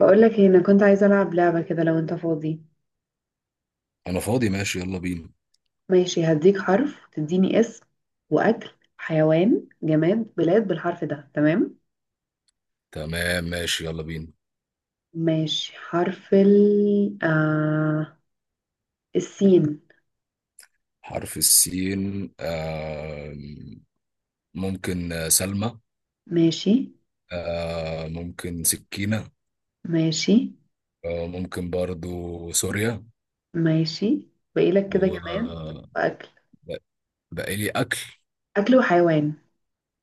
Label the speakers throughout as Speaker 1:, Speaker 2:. Speaker 1: بقولك إيه، انا كنت عايزه العب لعبه كده لو انت فاضي.
Speaker 2: انا فاضي ماشي يلا بينا.
Speaker 1: ماشي، هديك حرف تديني اسم واكل حيوان جماد بلاد بالحرف ده. تمام.
Speaker 2: تمام ماشي يلا بينا.
Speaker 1: ماشي، حرف ال السين.
Speaker 2: حرف السين آه. ممكن سلمى.
Speaker 1: ماشي.
Speaker 2: آه ممكن سكينة.
Speaker 1: ماشي.
Speaker 2: آه ممكن برضو سوريا.
Speaker 1: ماشي. باقي لك
Speaker 2: و
Speaker 1: كده جماد واكل.
Speaker 2: بقى لي اكل.
Speaker 1: اكل وحيوان.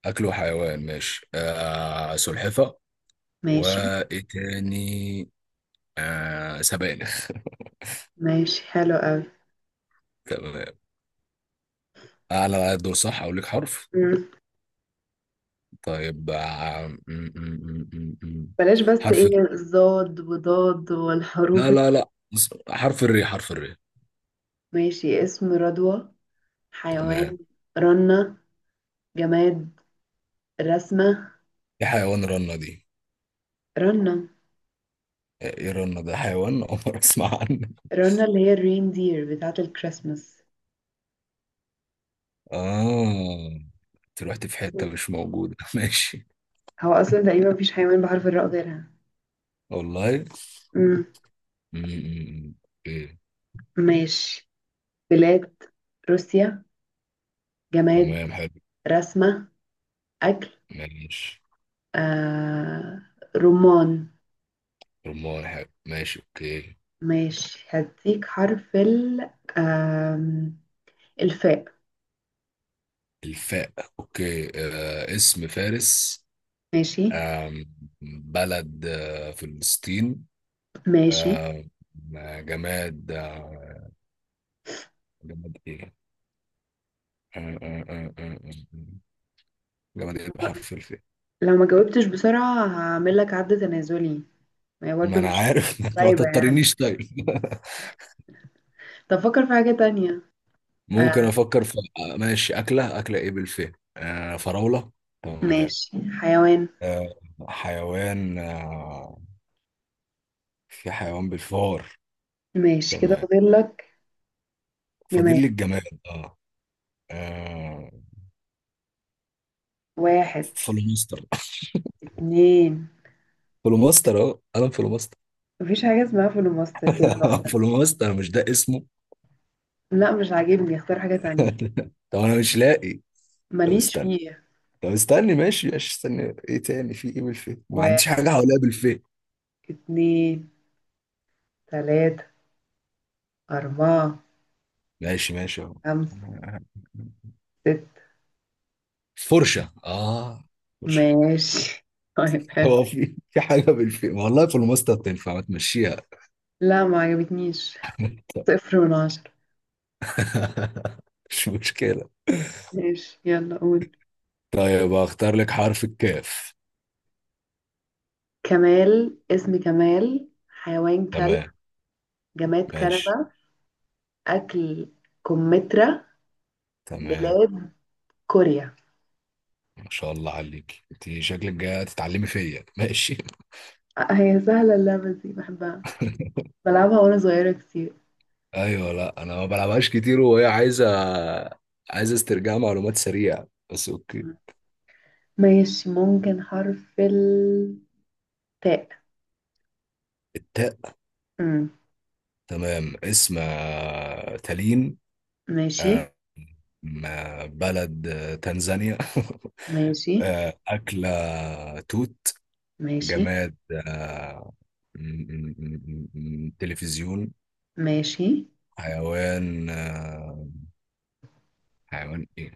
Speaker 2: اكل وحيوان ماشي سلحفة.
Speaker 1: ماشي.
Speaker 2: وايه تاني؟ سبانخ
Speaker 1: ماشي، حلو قوي.
Speaker 2: تمام اعلى دور صح، اقول لك حرف.
Speaker 1: مم.
Speaker 2: طيب، آه م- م- م- م- م.
Speaker 1: بلاش، بس
Speaker 2: حرف
Speaker 1: ايه الضاد وضاد والحروف
Speaker 2: لا لا لا، بص، حرف الري حرف الري.
Speaker 1: ماشي، اسم رضوى.
Speaker 2: تمام.
Speaker 1: حيوان رنة. جماد رسمة.
Speaker 2: ايه حيوان رنة دي؟
Speaker 1: رنة.
Speaker 2: ايه رنة ده حيوان عمر اسمع عنه.
Speaker 1: رنة اللي هي الرين دير بتاعة الكريسماس.
Speaker 2: اه انت رحت في حتة
Speaker 1: مم.
Speaker 2: مش موجودة ماشي.
Speaker 1: هو أصلا تقريبا مفيش حيوان بحرف الراء غيرها.
Speaker 2: والله.
Speaker 1: مم.
Speaker 2: م- م- م. اوكي.
Speaker 1: ماشي. بلاد روسيا. جماد
Speaker 2: تمام حلو
Speaker 1: رسمة. أكل
Speaker 2: ماشي.
Speaker 1: آه... رمان.
Speaker 2: رمان حلو ماشي اوكي.
Speaker 1: ماشي، هديك حرف ال آم، الفاء.
Speaker 2: الفاء اوكي. اسم فارس.
Speaker 1: ماشي.
Speaker 2: آه. بلد فلسطين.
Speaker 1: ماشي.
Speaker 2: آه. جماد جماد ايه؟ آه. آه. آه. آه. آه. آه. جمال بحرف الف.
Speaker 1: لو ما جاوبتش بسرعة هعمل لك عد تنازلي. ما هي
Speaker 2: ما
Speaker 1: برضه
Speaker 2: انا
Speaker 1: مش
Speaker 2: عارف ما
Speaker 1: طيبة يعني.
Speaker 2: تضطرنيش طيب
Speaker 1: طب فكر في حاجة تانية.
Speaker 2: ممكن
Speaker 1: آه،
Speaker 2: افكر في ماشي. اكله اكله ايه بالفه؟ فراوله. تمام.
Speaker 1: ماشي. حيوان.
Speaker 2: آه حيوان في حيوان بالفار.
Speaker 1: ماشي كده،
Speaker 2: تمام
Speaker 1: فاضل لك
Speaker 2: فاضل
Speaker 1: جماد.
Speaker 2: لي الجماد اه. آه،
Speaker 1: واحد.
Speaker 2: فلوماستر
Speaker 1: اتنين.
Speaker 2: فلوماستر اه انا فلوماستر.
Speaker 1: مفيش حاجة اسمها فول وماستر كده لوحدها.
Speaker 2: فلوماستر مش ده اسمه.
Speaker 1: لا مش عاجبني، اختار حاجة تانية.
Speaker 2: طب انا مش لاقي. طب
Speaker 1: ماليش
Speaker 2: استنى.
Speaker 1: فيه.
Speaker 2: طب استنى ماشي ماشي. استنى ايه تاني؟ في ايه بالفه؟ ما
Speaker 1: واحد.
Speaker 2: عنديش حاجه حواليها بالفه.
Speaker 1: اتنين. تلاتة. أربعة.
Speaker 2: ماشي ماشي اهو.
Speaker 1: خمسة. ستة.
Speaker 2: فرشة اه فرشة.
Speaker 1: ماشي، طيب حلو.
Speaker 2: هو في في حاجة بالفي والله؟ في الماستر تنفع، ما تمشيها؟
Speaker 1: لا ما عجبتنيش. صفر من عشرة.
Speaker 2: مش مشكلة.
Speaker 1: ماشي، يلا قول.
Speaker 2: طيب اختار لك حرف الكاف.
Speaker 1: كمال. اسم كمال. حيوان كلب.
Speaker 2: تمام
Speaker 1: جماد
Speaker 2: ماشي
Speaker 1: كنبة. أكل كمثرى.
Speaker 2: تمام.
Speaker 1: بلاد كوريا.
Speaker 2: ما شاء الله عليك، انت شكلك جاية تتعلمي فيا ماشي
Speaker 1: آه، هي سهلة اللعبة دي، بحبها بلعبها وانا صغيرة كتير.
Speaker 2: ايوه لا، انا ما بلعبهاش كتير، وهي عايزة عايزة استرجاع معلومات سريعة. بس اوكي.
Speaker 1: ماشي، ممكن حرف التاء.
Speaker 2: التاء
Speaker 1: أمم،
Speaker 2: تمام. اسم تالين.
Speaker 1: ماشي.
Speaker 2: آه، بلد تنزانيا
Speaker 1: ماشي.
Speaker 2: أكلة توت.
Speaker 1: ماشي.
Speaker 2: جماد آه، تلفزيون.
Speaker 1: ماشي.
Speaker 2: حيوان حيوان ايه؟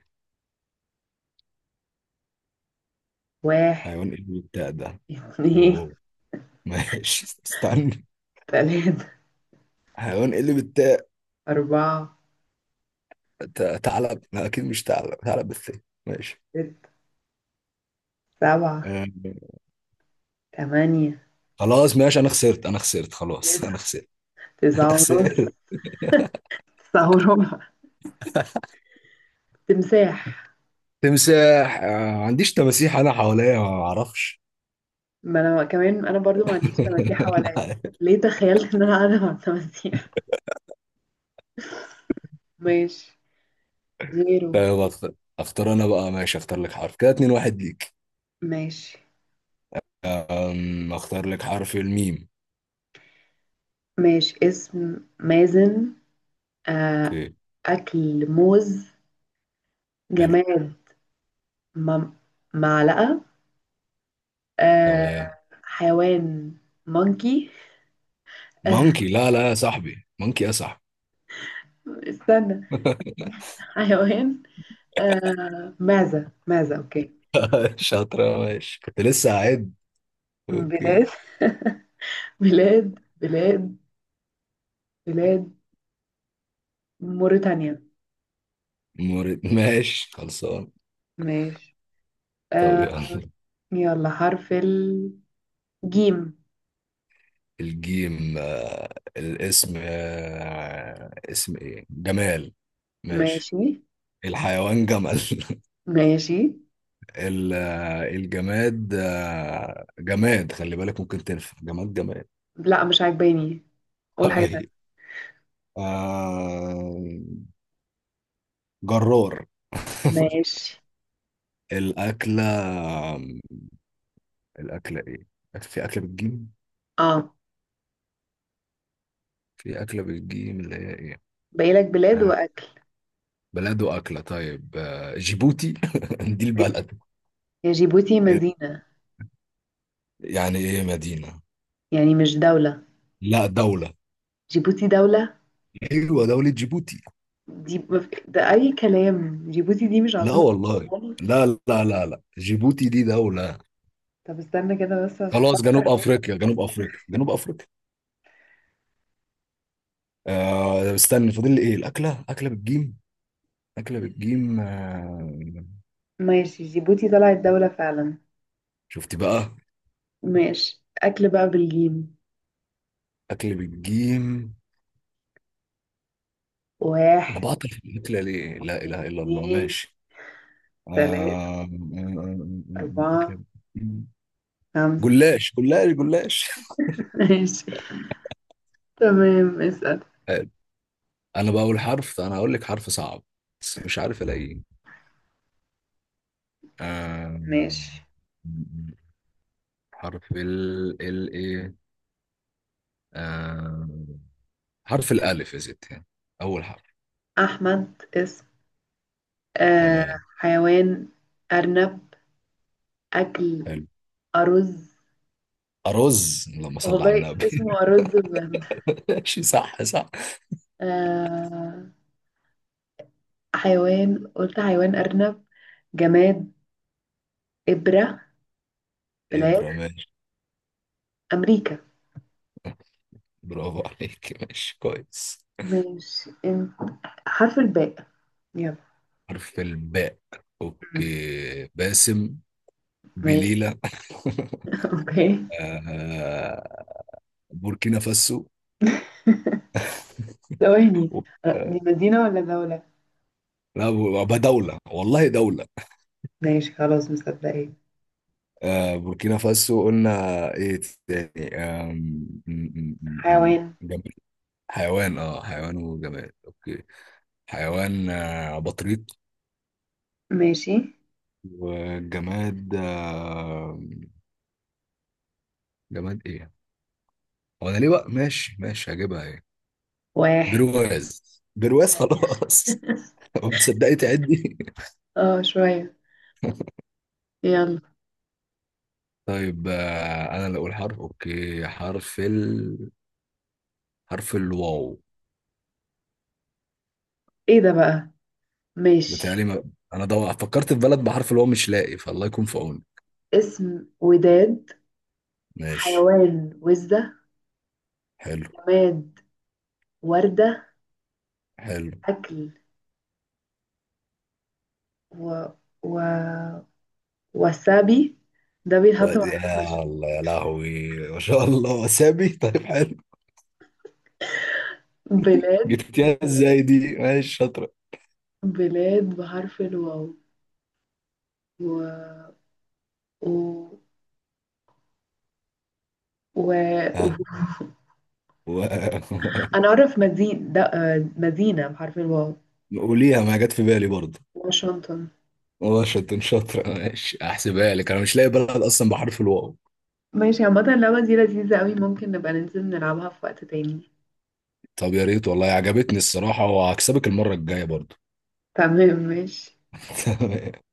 Speaker 1: واحد.
Speaker 2: حيوان ايه اللي بالتاء ده؟
Speaker 1: اتنين.
Speaker 2: يوه ماشي استنى.
Speaker 1: تلاتة.
Speaker 2: حيوان ايه اللي بالتاء؟
Speaker 1: أربعة.
Speaker 2: ثعلب، لا اكيد مش ثعلب، ثعلب بالثاء. ماشي
Speaker 1: ستة. سبعة.
Speaker 2: آه،
Speaker 1: تمانية.
Speaker 2: خلاص ماشي. انا خسرت انا خسرت خلاص
Speaker 1: تسعة.
Speaker 2: انا خسرت.
Speaker 1: تسعة
Speaker 2: انا خسرت.
Speaker 1: ونص. تسعة وربع. تمساح.
Speaker 2: تمساح ما عنديش تماسيح، انا حواليا ما اعرفش.
Speaker 1: ما أنا كمان أنا برضو ما عنديش تماسيح
Speaker 2: أنا
Speaker 1: حواليا.
Speaker 2: عارف.
Speaker 1: ليه تخيلت إن أنا قاعدة مع التماسيح؟ ماشي. زيرو.
Speaker 2: فاهم. اختار انا بقى، ماشي، اختار لك حرف كده. اتنين واحد ليك.
Speaker 1: ماشي.
Speaker 2: اختار لك حرف الميم.
Speaker 1: ماشي، اسم مازن. آه.
Speaker 2: اوكي.
Speaker 1: أكل موز.
Speaker 2: حلو.
Speaker 1: جماد م- معلقة. آه.
Speaker 2: تمام.
Speaker 1: حيوان مونكي. آه.
Speaker 2: مونكي؟ لا لا يا صاحبي، مونكي يا صاحبي.
Speaker 1: استنى. حيوان. آه، معزة. معزة أوكي.
Speaker 2: شاطرة ماشي، كنت لسه هعد.
Speaker 1: بلاد.
Speaker 2: اوكي
Speaker 1: بلاد. بلاد. بلاد موريتانيا.
Speaker 2: مورد ماشي خلصان.
Speaker 1: ماشي.
Speaker 2: طب
Speaker 1: آه.
Speaker 2: يلا.
Speaker 1: يلا، حرف الجيم.
Speaker 2: الجيم الاسم اسم ايه؟ جمال. ماشي.
Speaker 1: ماشي.
Speaker 2: الحيوان جمل
Speaker 1: ماشي.
Speaker 2: ال- الجماد جماد خلي بالك، ممكن تنفع جماد جماد.
Speaker 1: لا مش عاجباني، قول حاجة
Speaker 2: طيب
Speaker 1: تانية.
Speaker 2: آه، جرار
Speaker 1: ماشي.
Speaker 2: الأكلة الأكلة إيه؟ في أكلة بالجيم؟
Speaker 1: اه،
Speaker 2: في أكلة بالجيم اللي هي إيه؟
Speaker 1: باقي لك بلاد
Speaker 2: آه،
Speaker 1: وأكل.
Speaker 2: بلد وأكلة طيب. جيبوتي دي
Speaker 1: ماشي،
Speaker 2: البلد.
Speaker 1: هي جيبوتي
Speaker 2: آه،
Speaker 1: مدينة،
Speaker 2: يعني إيه مدينة؟
Speaker 1: يعني مش دولة.
Speaker 2: لا دولة.
Speaker 1: جيبوتي دولة.
Speaker 2: أيوة دولة جيبوتي.
Speaker 1: دي ده أي كلام، جيبوتي دي مش
Speaker 2: لا
Speaker 1: عاصمة
Speaker 2: والله.
Speaker 1: الصومال.
Speaker 2: لا لا لا لا، جيبوتي دي دولة.
Speaker 1: طب استنى كده بس عشان
Speaker 2: خلاص جنوب
Speaker 1: أفكر.
Speaker 2: أفريقيا جنوب أفريقيا جنوب أفريقيا. آه استنى، فاضل لي ايه؟ الاكله، اكله بالجيم. اكله بالجيم
Speaker 1: ماشي، جيبوتي طلعت دولة فعلا.
Speaker 2: شفت بقى.
Speaker 1: ماشي، أكل بقى بالجيم.
Speaker 2: اكل بالجيم. انا
Speaker 1: واحد.
Speaker 2: بعطل في الاكله ليه؟ لا اله الا الله،
Speaker 1: اتنين.
Speaker 2: ماشي. آه
Speaker 1: تلاتة.
Speaker 2: آه، آه،
Speaker 1: أربعة.
Speaker 2: أكلة بالجيم.
Speaker 1: خمسة.
Speaker 2: جلاش جلاش جلاش.
Speaker 1: ماشي. تمام، اسأل.
Speaker 2: حلو. انا هقول لك حرف صعب بس مش عارف الاقيه. آه
Speaker 1: ماشي.
Speaker 2: حرف ال ايه؟ آه حرف الالف يا ستي. اول حرف.
Speaker 1: أحمد اسم. آه.
Speaker 2: تمام
Speaker 1: حيوان أرنب. أكل
Speaker 2: حلو.
Speaker 1: أرز.
Speaker 2: أرز اللهم صل على
Speaker 1: والله
Speaker 2: النبي
Speaker 1: اسمه أرز بجد.
Speaker 2: ماشي صح صح.
Speaker 1: آه. حيوان، قلت حيوان أرنب. جماد إبرة. بلاد
Speaker 2: إبرة ماشي.
Speaker 1: أمريكا.
Speaker 2: برافو عليك، ماشي كويس.
Speaker 1: ماشي انت، حرف الباء، يلا.
Speaker 2: حرف الباء
Speaker 1: مم.
Speaker 2: أوكي. باسم.
Speaker 1: ماشي.
Speaker 2: بليلة.
Speaker 1: اوكي.
Speaker 2: آه، بوركينا فاسو.
Speaker 1: ثواني، أه، دي
Speaker 2: آه،
Speaker 1: مدينة ولا دولة؟
Speaker 2: لا، بقى دولة والله، دولة.
Speaker 1: ماشي، خلاص مصدقين.
Speaker 2: بوركينا فاسو قلنا. إيه تاني؟
Speaker 1: حيوان.
Speaker 2: جماد، حيوان اه حيوان وجماد أوكي. حيوان بطريق.
Speaker 1: ماشي.
Speaker 2: وجماد. جماد ايه؟ هو انا ليه بقى؟ ماشي ماشي هجيبها ايه؟
Speaker 1: واحد.
Speaker 2: برواز برواز
Speaker 1: ماشي.
Speaker 2: خلاص. طب تصدقي تعدي.
Speaker 1: اه شوية. يلا.
Speaker 2: طيب انا اللي اقول حرف. اوكي، حرف الواو.
Speaker 1: ايه ده بقى؟
Speaker 2: بتهيألي
Speaker 1: ماشي،
Speaker 2: ما... فكرت في بلد بحرف الواو مش لاقي، فالله يكون في عوني.
Speaker 1: اسم وداد.
Speaker 2: ماشي
Speaker 1: حيوان وزة.
Speaker 2: حلو
Speaker 1: جماد وردة.
Speaker 2: حلو.
Speaker 1: أكل و... و... وسابي، ده بيتحط مع
Speaker 2: يا
Speaker 1: السوشي.
Speaker 2: الله، يا لهوي، ما شاء الله، وسامي طيب حلو.
Speaker 1: بلاد.
Speaker 2: جبتيها ازاي دي؟ ماشي شاطرة.
Speaker 1: بلاد بحرف الواو. و... و... و...
Speaker 2: ها
Speaker 1: و...
Speaker 2: و...
Speaker 1: انا اعرف مدينة آه، مدينة بحرف الواو.
Speaker 2: قوليها، ما جت في بالي برضه.
Speaker 1: واشنطن.
Speaker 2: واشنطن شاطرة، ماشي احسبها لك، انا مش لاقي بلد اصلا بحرف الواو.
Speaker 1: ماشي، عامة اللعبة دي لذيذة قوي، ممكن نبقى ننزل نلعبها في وقت تاني.
Speaker 2: طب يا ريت والله، عجبتني الصراحة، وهكسبك المرة الجاية برضو
Speaker 1: تمام، ماشي.